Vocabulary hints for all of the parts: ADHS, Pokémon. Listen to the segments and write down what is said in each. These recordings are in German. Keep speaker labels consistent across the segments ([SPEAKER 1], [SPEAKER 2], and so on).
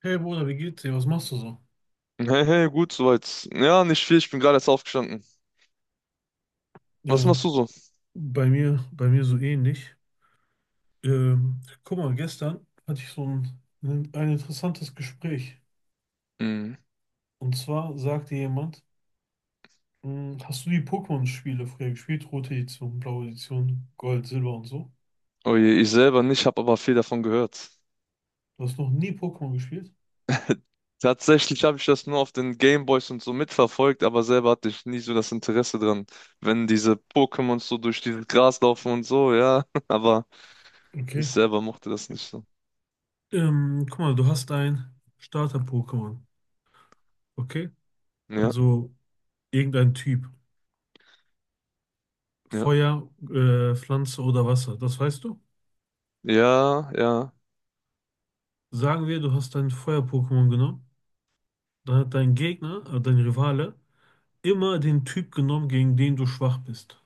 [SPEAKER 1] Hey Bruder, wie geht's dir? Was machst du so?
[SPEAKER 2] Hey, hey, gut, soweit. Ja, nicht viel, ich bin gerade erst aufgestanden. Was
[SPEAKER 1] Ja,
[SPEAKER 2] machst du so?
[SPEAKER 1] bei mir, so ähnlich. Guck mal, gestern hatte ich so ein interessantes Gespräch.
[SPEAKER 2] Hm.
[SPEAKER 1] Und zwar sagte jemand, "Mh, hast du die Pokémon-Spiele früher gespielt? Rote Edition, blaue Edition, Gold, Silber und so.
[SPEAKER 2] Oh je, ich selber nicht, habe aber viel davon gehört.
[SPEAKER 1] Du hast noch nie Pokémon gespielt?
[SPEAKER 2] Tatsächlich habe ich das nur auf den Gameboys und so mitverfolgt, aber selber hatte ich nie so das Interesse dran. Wenn diese Pokémons so durch dieses Gras laufen und so, ja, aber ich
[SPEAKER 1] Okay.
[SPEAKER 2] selber mochte das nicht so.
[SPEAKER 1] Guck mal, du hast ein Starter-Pokémon. Okay?
[SPEAKER 2] Ja,
[SPEAKER 1] Also irgendein Typ.
[SPEAKER 2] ja,
[SPEAKER 1] Feuer, Pflanze oder Wasser. Das weißt du?
[SPEAKER 2] ja, ja,
[SPEAKER 1] Sagen wir, du hast ein Feuer-Pokémon genommen. Da hat dein Gegner, dein Rivale, immer den Typ genommen, gegen den du schwach bist.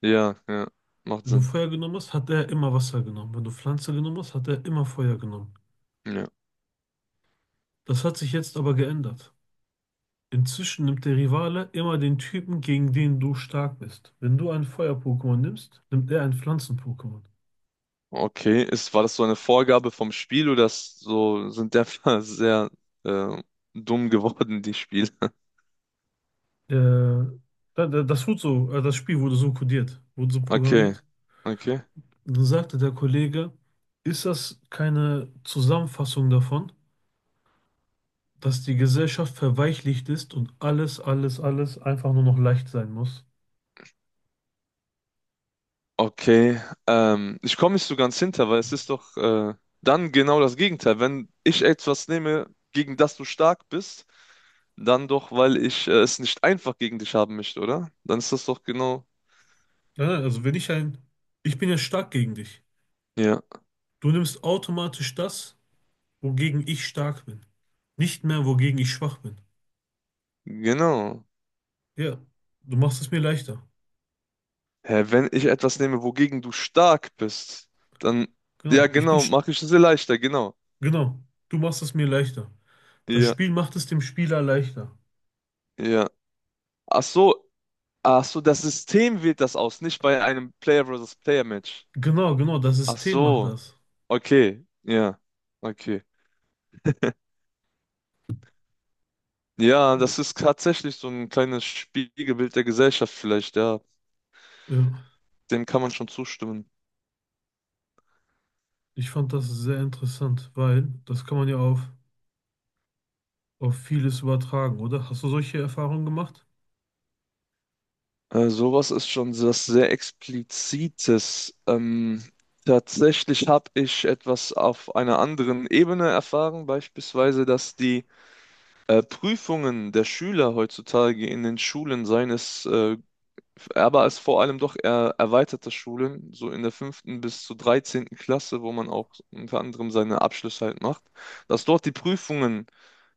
[SPEAKER 2] ja, ja, macht
[SPEAKER 1] Wenn du
[SPEAKER 2] Sinn.
[SPEAKER 1] Feuer genommen hast, hat er immer Wasser genommen. Wenn du Pflanze genommen hast, hat er immer Feuer genommen.
[SPEAKER 2] Ja.
[SPEAKER 1] Das hat sich jetzt aber geändert. Inzwischen nimmt der Rivale immer den Typen, gegen den du stark bist. Wenn du ein Feuer-Pokémon nimmst, nimmt er ein Pflanzen-Pokémon.
[SPEAKER 2] Okay, ist, war das so eine Vorgabe vom Spiel oder ist so, sind der sehr äh, dumm geworden, die Spiele?
[SPEAKER 1] Äh, Das wurde so, das Spiel wurde so kodiert, wurde so
[SPEAKER 2] Okay,
[SPEAKER 1] programmiert.
[SPEAKER 2] okay,
[SPEAKER 1] Und dann sagte der Kollege, ist das keine Zusammenfassung davon? Dass die Gesellschaft verweichlicht ist und alles einfach nur noch leicht sein muss.
[SPEAKER 2] okay. Ich komme nicht so ganz hinter, weil es ist doch dann genau das Gegenteil. Wenn ich etwas nehme, gegen das du stark bist, dann doch, weil ich es nicht einfach gegen dich haben möchte, oder? Dann ist das doch genau.
[SPEAKER 1] Ja, also wenn ich ein, ich bin ja stark gegen dich.
[SPEAKER 2] Ja,
[SPEAKER 1] Du nimmst automatisch das, wogegen ich stark bin. Nicht mehr, wogegen ich schwach bin.
[SPEAKER 2] genau.
[SPEAKER 1] Ja, du machst es mir leichter.
[SPEAKER 2] Hä, wenn ich etwas nehme, wogegen du stark bist, dann, ja,
[SPEAKER 1] Genau,
[SPEAKER 2] genau, mache ich es dir leichter, genau.
[SPEAKER 1] genau, du machst es mir leichter. Das
[SPEAKER 2] Ja,
[SPEAKER 1] Spiel macht es dem Spieler leichter.
[SPEAKER 2] ja. Ach so, ach so, das System wählt das aus, nicht bei einem Player versus Player Match.
[SPEAKER 1] Genau, genau, das
[SPEAKER 2] Ach
[SPEAKER 1] System macht
[SPEAKER 2] so.
[SPEAKER 1] das.
[SPEAKER 2] Okay, ja, okay. Ja,
[SPEAKER 1] Äh,
[SPEAKER 2] das ist tatsächlich so ein kleines Spiegelbild der Gesellschaft vielleicht, ja.
[SPEAKER 1] Ja,
[SPEAKER 2] Dem kann man schon zustimmen.
[SPEAKER 1] ich fand das sehr interessant, weil das kann man ja auf vieles übertragen, oder? Hast du solche Erfahrungen gemacht?
[SPEAKER 2] Sowas ist schon was sehr Explizites. Tatsächlich habe ich etwas auf einer anderen Ebene erfahren, beispielsweise, dass die Prüfungen der Schüler heutzutage in den Schulen, seien es aber es vor allem doch eher erweiterte Schulen, so in der fünften bis zur dreizehnten Klasse, wo man auch unter anderem seine Abschlüsse halt macht, dass dort die Prüfungen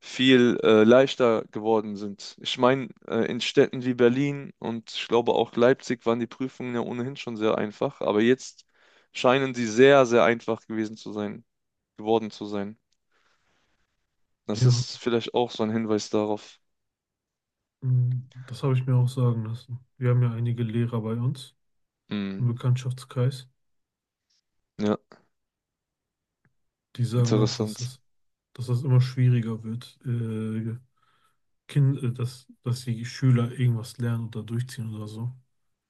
[SPEAKER 2] viel leichter geworden sind. Ich meine, in Städten wie Berlin und ich glaube auch Leipzig waren die Prüfungen ja ohnehin schon sehr einfach, aber jetzt scheinen sie sehr, sehr einfach gewesen zu sein, geworden zu sein. Das
[SPEAKER 1] Ja,
[SPEAKER 2] ist vielleicht auch so ein Hinweis darauf.
[SPEAKER 1] das habe ich mir auch sagen lassen. Wir haben ja einige Lehrer bei uns im
[SPEAKER 2] Hm,
[SPEAKER 1] Bekanntschaftskreis,
[SPEAKER 2] ja,
[SPEAKER 1] die sagen auch,
[SPEAKER 2] interessant.
[SPEAKER 1] dass das immer schwieriger wird, dass die Schüler irgendwas lernen oder durchziehen oder so.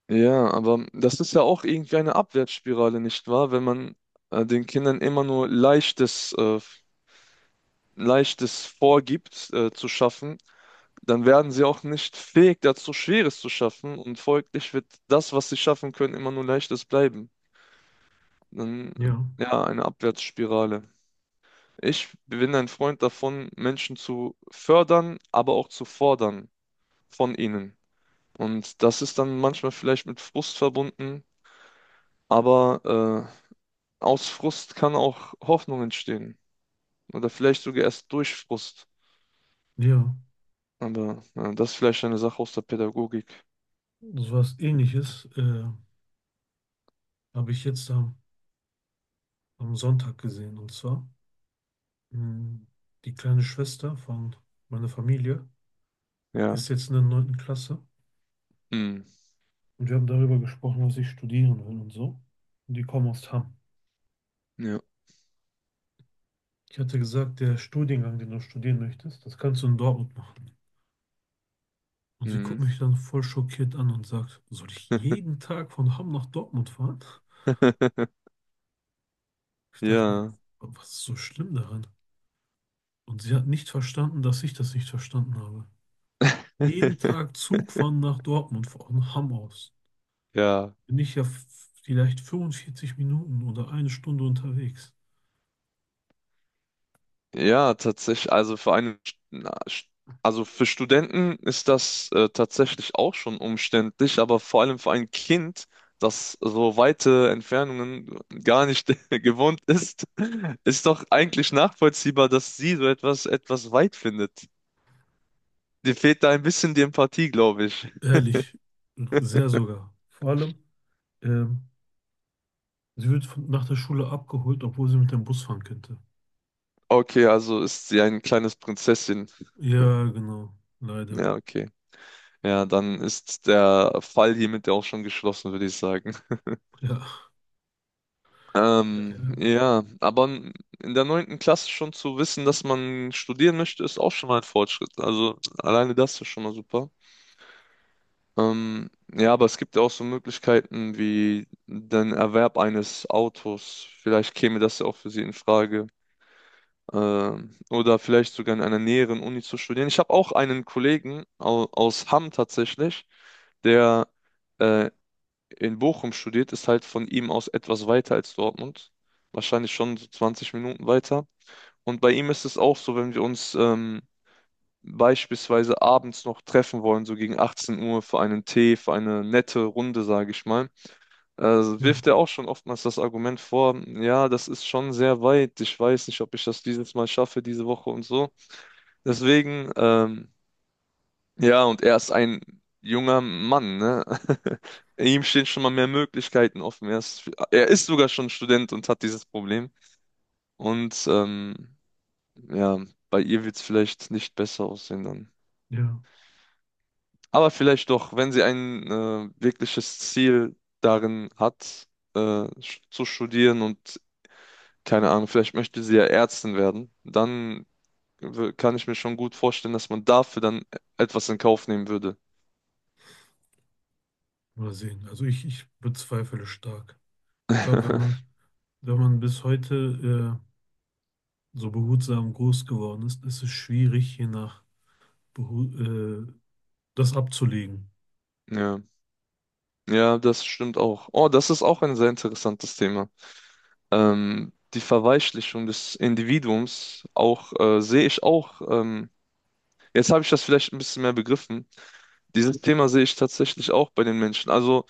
[SPEAKER 2] Ja, aber das ist ja auch irgendwie eine Abwärtsspirale, nicht wahr? Wenn man den Kindern immer nur Leichtes, Leichtes vorgibt, zu schaffen, dann werden sie auch nicht fähig dazu, Schweres zu schaffen und folglich wird das, was sie schaffen können, immer nur Leichtes bleiben. Dann,
[SPEAKER 1] Ja,
[SPEAKER 2] ja, eine Abwärtsspirale. Ich bin ein Freund davon, Menschen zu fördern, aber auch zu fordern von ihnen. Und das ist dann manchmal vielleicht mit Frust verbunden, aber aus Frust kann auch Hoffnung entstehen. Oder vielleicht sogar erst durch Frust.
[SPEAKER 1] ja,
[SPEAKER 2] Aber ja, das ist vielleicht eine Sache aus der Pädagogik.
[SPEAKER 1] so was Ähnliches habe ich jetzt am, am Sonntag gesehen. Und zwar, mm, die kleine Schwester von meiner Familie
[SPEAKER 2] Ja.
[SPEAKER 1] ist jetzt in der neunten Klasse
[SPEAKER 2] Hm.
[SPEAKER 1] und wir haben darüber gesprochen, was ich studieren will und so. Und die kommen aus Hamm.
[SPEAKER 2] Ja.
[SPEAKER 1] Ich hatte gesagt, der Studiengang, den du studieren möchtest, das kannst du in Dortmund machen. Und sie
[SPEAKER 2] Hm.
[SPEAKER 1] guckt mich dann voll schockiert an und sagt, soll ich jeden Tag von Hamm nach Dortmund fahren? Ich dachte mir,
[SPEAKER 2] Ja.
[SPEAKER 1] was ist so schlimm daran? Und sie hat nicht verstanden, dass ich das nicht verstanden habe. Jeden Tag Zug fahren nach Dortmund von Hamm aus.
[SPEAKER 2] Ja.
[SPEAKER 1] Bin ich ja vielleicht 45 Minuten oder eine Stunde unterwegs.
[SPEAKER 2] Ja, tatsächlich. Also für einen, na, also für Studenten ist das tatsächlich auch schon umständlich, aber vor allem für ein Kind, das so weite Entfernungen gar nicht gewohnt ist, ist doch eigentlich nachvollziehbar, dass sie so etwas etwas weit findet. Dir fehlt da ein bisschen die Empathie, glaube ich.
[SPEAKER 1] Ehrlich, sehr sogar. Vor allem, ähm, sie wird nach der Schule abgeholt, obwohl sie mit dem Bus fahren könnte.
[SPEAKER 2] Okay, also ist sie ein kleines Prinzesschen.
[SPEAKER 1] Ja, genau, leider.
[SPEAKER 2] Ja, okay. Ja, dann ist der Fall hiermit ja auch schon geschlossen, würde ich sagen.
[SPEAKER 1] Ja, ja,
[SPEAKER 2] Ähm,
[SPEAKER 1] ja,
[SPEAKER 2] ja, aber n- in der neunten Klasse schon zu wissen, dass man studieren möchte, ist auch schon mal ein Fortschritt. Also alleine das ist schon mal super. Ja, aber es gibt ja auch so Möglichkeiten wie den Erwerb eines Autos. Vielleicht käme das ja auch für Sie in Frage. Ähm, oder vielleicht sogar in einer näheren Uni zu studieren. Ich habe auch einen Kollegen au aus Hamm tatsächlich, der äh, in Bochum studiert, ist halt von ihm aus etwas weiter als Dortmund, wahrscheinlich schon so 20 Minuten weiter. Und bei ihm ist es auch so, wenn wir uns beispielsweise abends noch treffen wollen, so gegen 18 Uhr für einen Tee, für eine nette Runde, sage ich mal,
[SPEAKER 1] ja,
[SPEAKER 2] wirft er auch schon oftmals das Argument vor, ja, das ist schon sehr weit, ich weiß nicht, ob ich das dieses Mal schaffe, diese Woche und so. Deswegen, ja, und er ist ein junger Mann, ne? Ihm stehen schon mal mehr Möglichkeiten offen. Er ist sogar schon Student und hat dieses Problem. Und ja, bei ihr wird es vielleicht nicht besser aussehen dann.
[SPEAKER 1] ja.
[SPEAKER 2] Aber vielleicht doch, wenn sie ein wirkliches Ziel darin hat, zu studieren und keine Ahnung, vielleicht möchte sie ja Ärztin werden, dann kann ich mir schon gut vorstellen, dass man dafür dann etwas in Kauf nehmen würde.
[SPEAKER 1] Mal sehen. Also ich bezweifle stark. Ich glaube, wenn man bis heute so behutsam groß geworden ist, ist es schwierig, je nach behu das abzulegen.
[SPEAKER 2] Ja, ja, das stimmt auch. Oh, das ist auch ein sehr interessantes Thema. Die Verweichlichung des Individuums auch sehe ich auch. Jetzt habe ich das vielleicht ein bisschen mehr begriffen. Dieses Thema sehe ich tatsächlich auch bei den Menschen. Also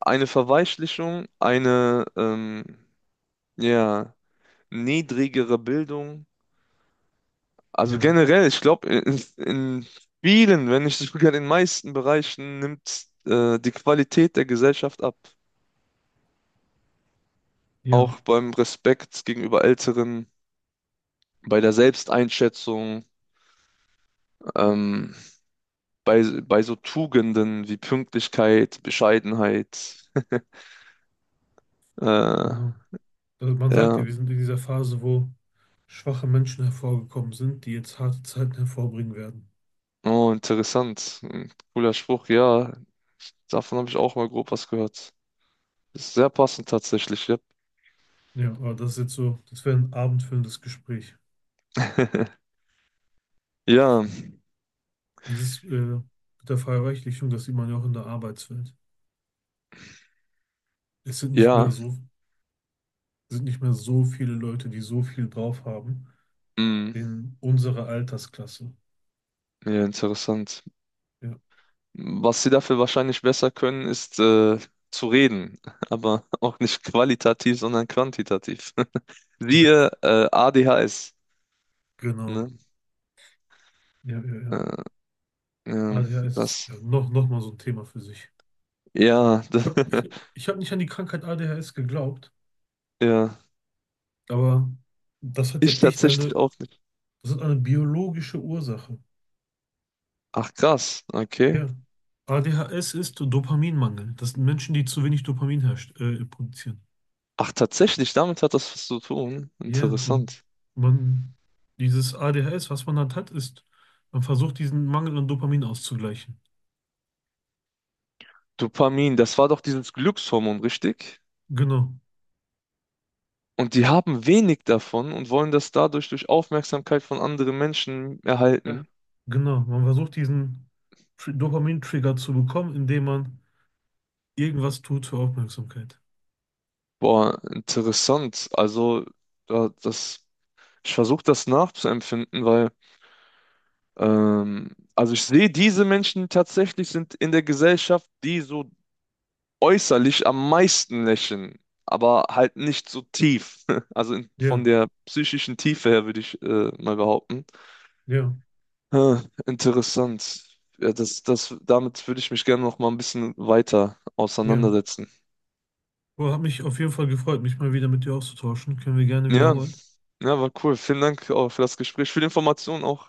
[SPEAKER 2] eine Verweichlichung, eine ja, niedrigere Bildung. Also
[SPEAKER 1] Ja,
[SPEAKER 2] generell, ich glaube, in vielen, wenn nicht sogar in den meisten Bereichen nimmt die Qualität der Gesellschaft ab.
[SPEAKER 1] ja,
[SPEAKER 2] Auch beim Respekt gegenüber Älteren, bei der Selbsteinschätzung, ähm, bei so Tugenden wie Pünktlichkeit, Bescheidenheit. Äh,
[SPEAKER 1] genau. Also man sagt
[SPEAKER 2] ja,
[SPEAKER 1] ja, wir sind in dieser Phase, wo schwache Menschen hervorgekommen sind, die jetzt harte Zeiten hervorbringen werden.
[SPEAKER 2] oh, interessant. Ein cooler Spruch, ja. Davon habe ich auch mal grob was gehört. Ist sehr passend tatsächlich, ja.
[SPEAKER 1] Ja, aber das ist jetzt so, das wäre ein abendfüllendes Gespräch.
[SPEAKER 2] Ja,
[SPEAKER 1] Dieses mit der Verreichlichung, das sieht man ja auch in der Arbeitswelt. Es sind nicht mehr
[SPEAKER 2] ja,
[SPEAKER 1] so, sind nicht mehr so viele Leute, die so viel drauf haben
[SPEAKER 2] mm,
[SPEAKER 1] in unserer Altersklasse.
[SPEAKER 2] ja, interessant.
[SPEAKER 1] Ja,
[SPEAKER 2] Was sie dafür wahrscheinlich besser können, ist zu reden, aber auch nicht qualitativ, sondern quantitativ.
[SPEAKER 1] ja,
[SPEAKER 2] Siehe ADHS,
[SPEAKER 1] genau.
[SPEAKER 2] ne?
[SPEAKER 1] Ja, ja, ja.
[SPEAKER 2] Äh,
[SPEAKER 1] A
[SPEAKER 2] ja,
[SPEAKER 1] D H S ist
[SPEAKER 2] das,
[SPEAKER 1] ja, noch mal so ein Thema für sich.
[SPEAKER 2] ja,
[SPEAKER 1] Ich hab nicht an die Krankheit A D H S geglaubt,
[SPEAKER 2] ja,
[SPEAKER 1] aber das hat ja
[SPEAKER 2] ich
[SPEAKER 1] echt
[SPEAKER 2] tatsächlich
[SPEAKER 1] eine,
[SPEAKER 2] auch nicht.
[SPEAKER 1] das hat eine biologische Ursache.
[SPEAKER 2] Ach krass, okay.
[SPEAKER 1] Ja. A D H S ist Dopaminmangel. Das sind Menschen, die zu wenig Dopamin herst produzieren.
[SPEAKER 2] Ach tatsächlich, damit hat das was zu tun.
[SPEAKER 1] Ja, und
[SPEAKER 2] Interessant.
[SPEAKER 1] man, dieses ADHS, was man halt hat, ist, man versucht diesen Mangel an Dopamin auszugleichen.
[SPEAKER 2] Dopamin, das war doch dieses Glückshormon, richtig?
[SPEAKER 1] Genau,
[SPEAKER 2] Und die haben wenig davon und wollen das dadurch durch Aufmerksamkeit von anderen Menschen
[SPEAKER 1] Ja.
[SPEAKER 2] erhalten.
[SPEAKER 1] genau. Man versucht diesen Dopamin-Trigger zu bekommen, indem man irgendwas tut für Aufmerksamkeit.
[SPEAKER 2] Boah, interessant. Da- das, ich versuche das nachzuempfinden, weil also ich sehe, diese Menschen tatsächlich sind in der Gesellschaft, die so äußerlich am meisten lächeln, aber halt nicht so tief. Also von
[SPEAKER 1] Ja,
[SPEAKER 2] der psychischen Tiefe her würde ich mal behaupten.
[SPEAKER 1] ja,
[SPEAKER 2] Äh, interessant. Ja, das, damit würde ich mich gerne noch mal ein bisschen weiter
[SPEAKER 1] ja.
[SPEAKER 2] auseinandersetzen.
[SPEAKER 1] Boah, hat mich auf jeden Fall gefreut, mich mal wieder mit dir auszutauschen. Können wir gerne
[SPEAKER 2] Ja,
[SPEAKER 1] wiederholen.
[SPEAKER 2] ja, war cool. Vielen Dank auch für das Gespräch, für die Informationen auch.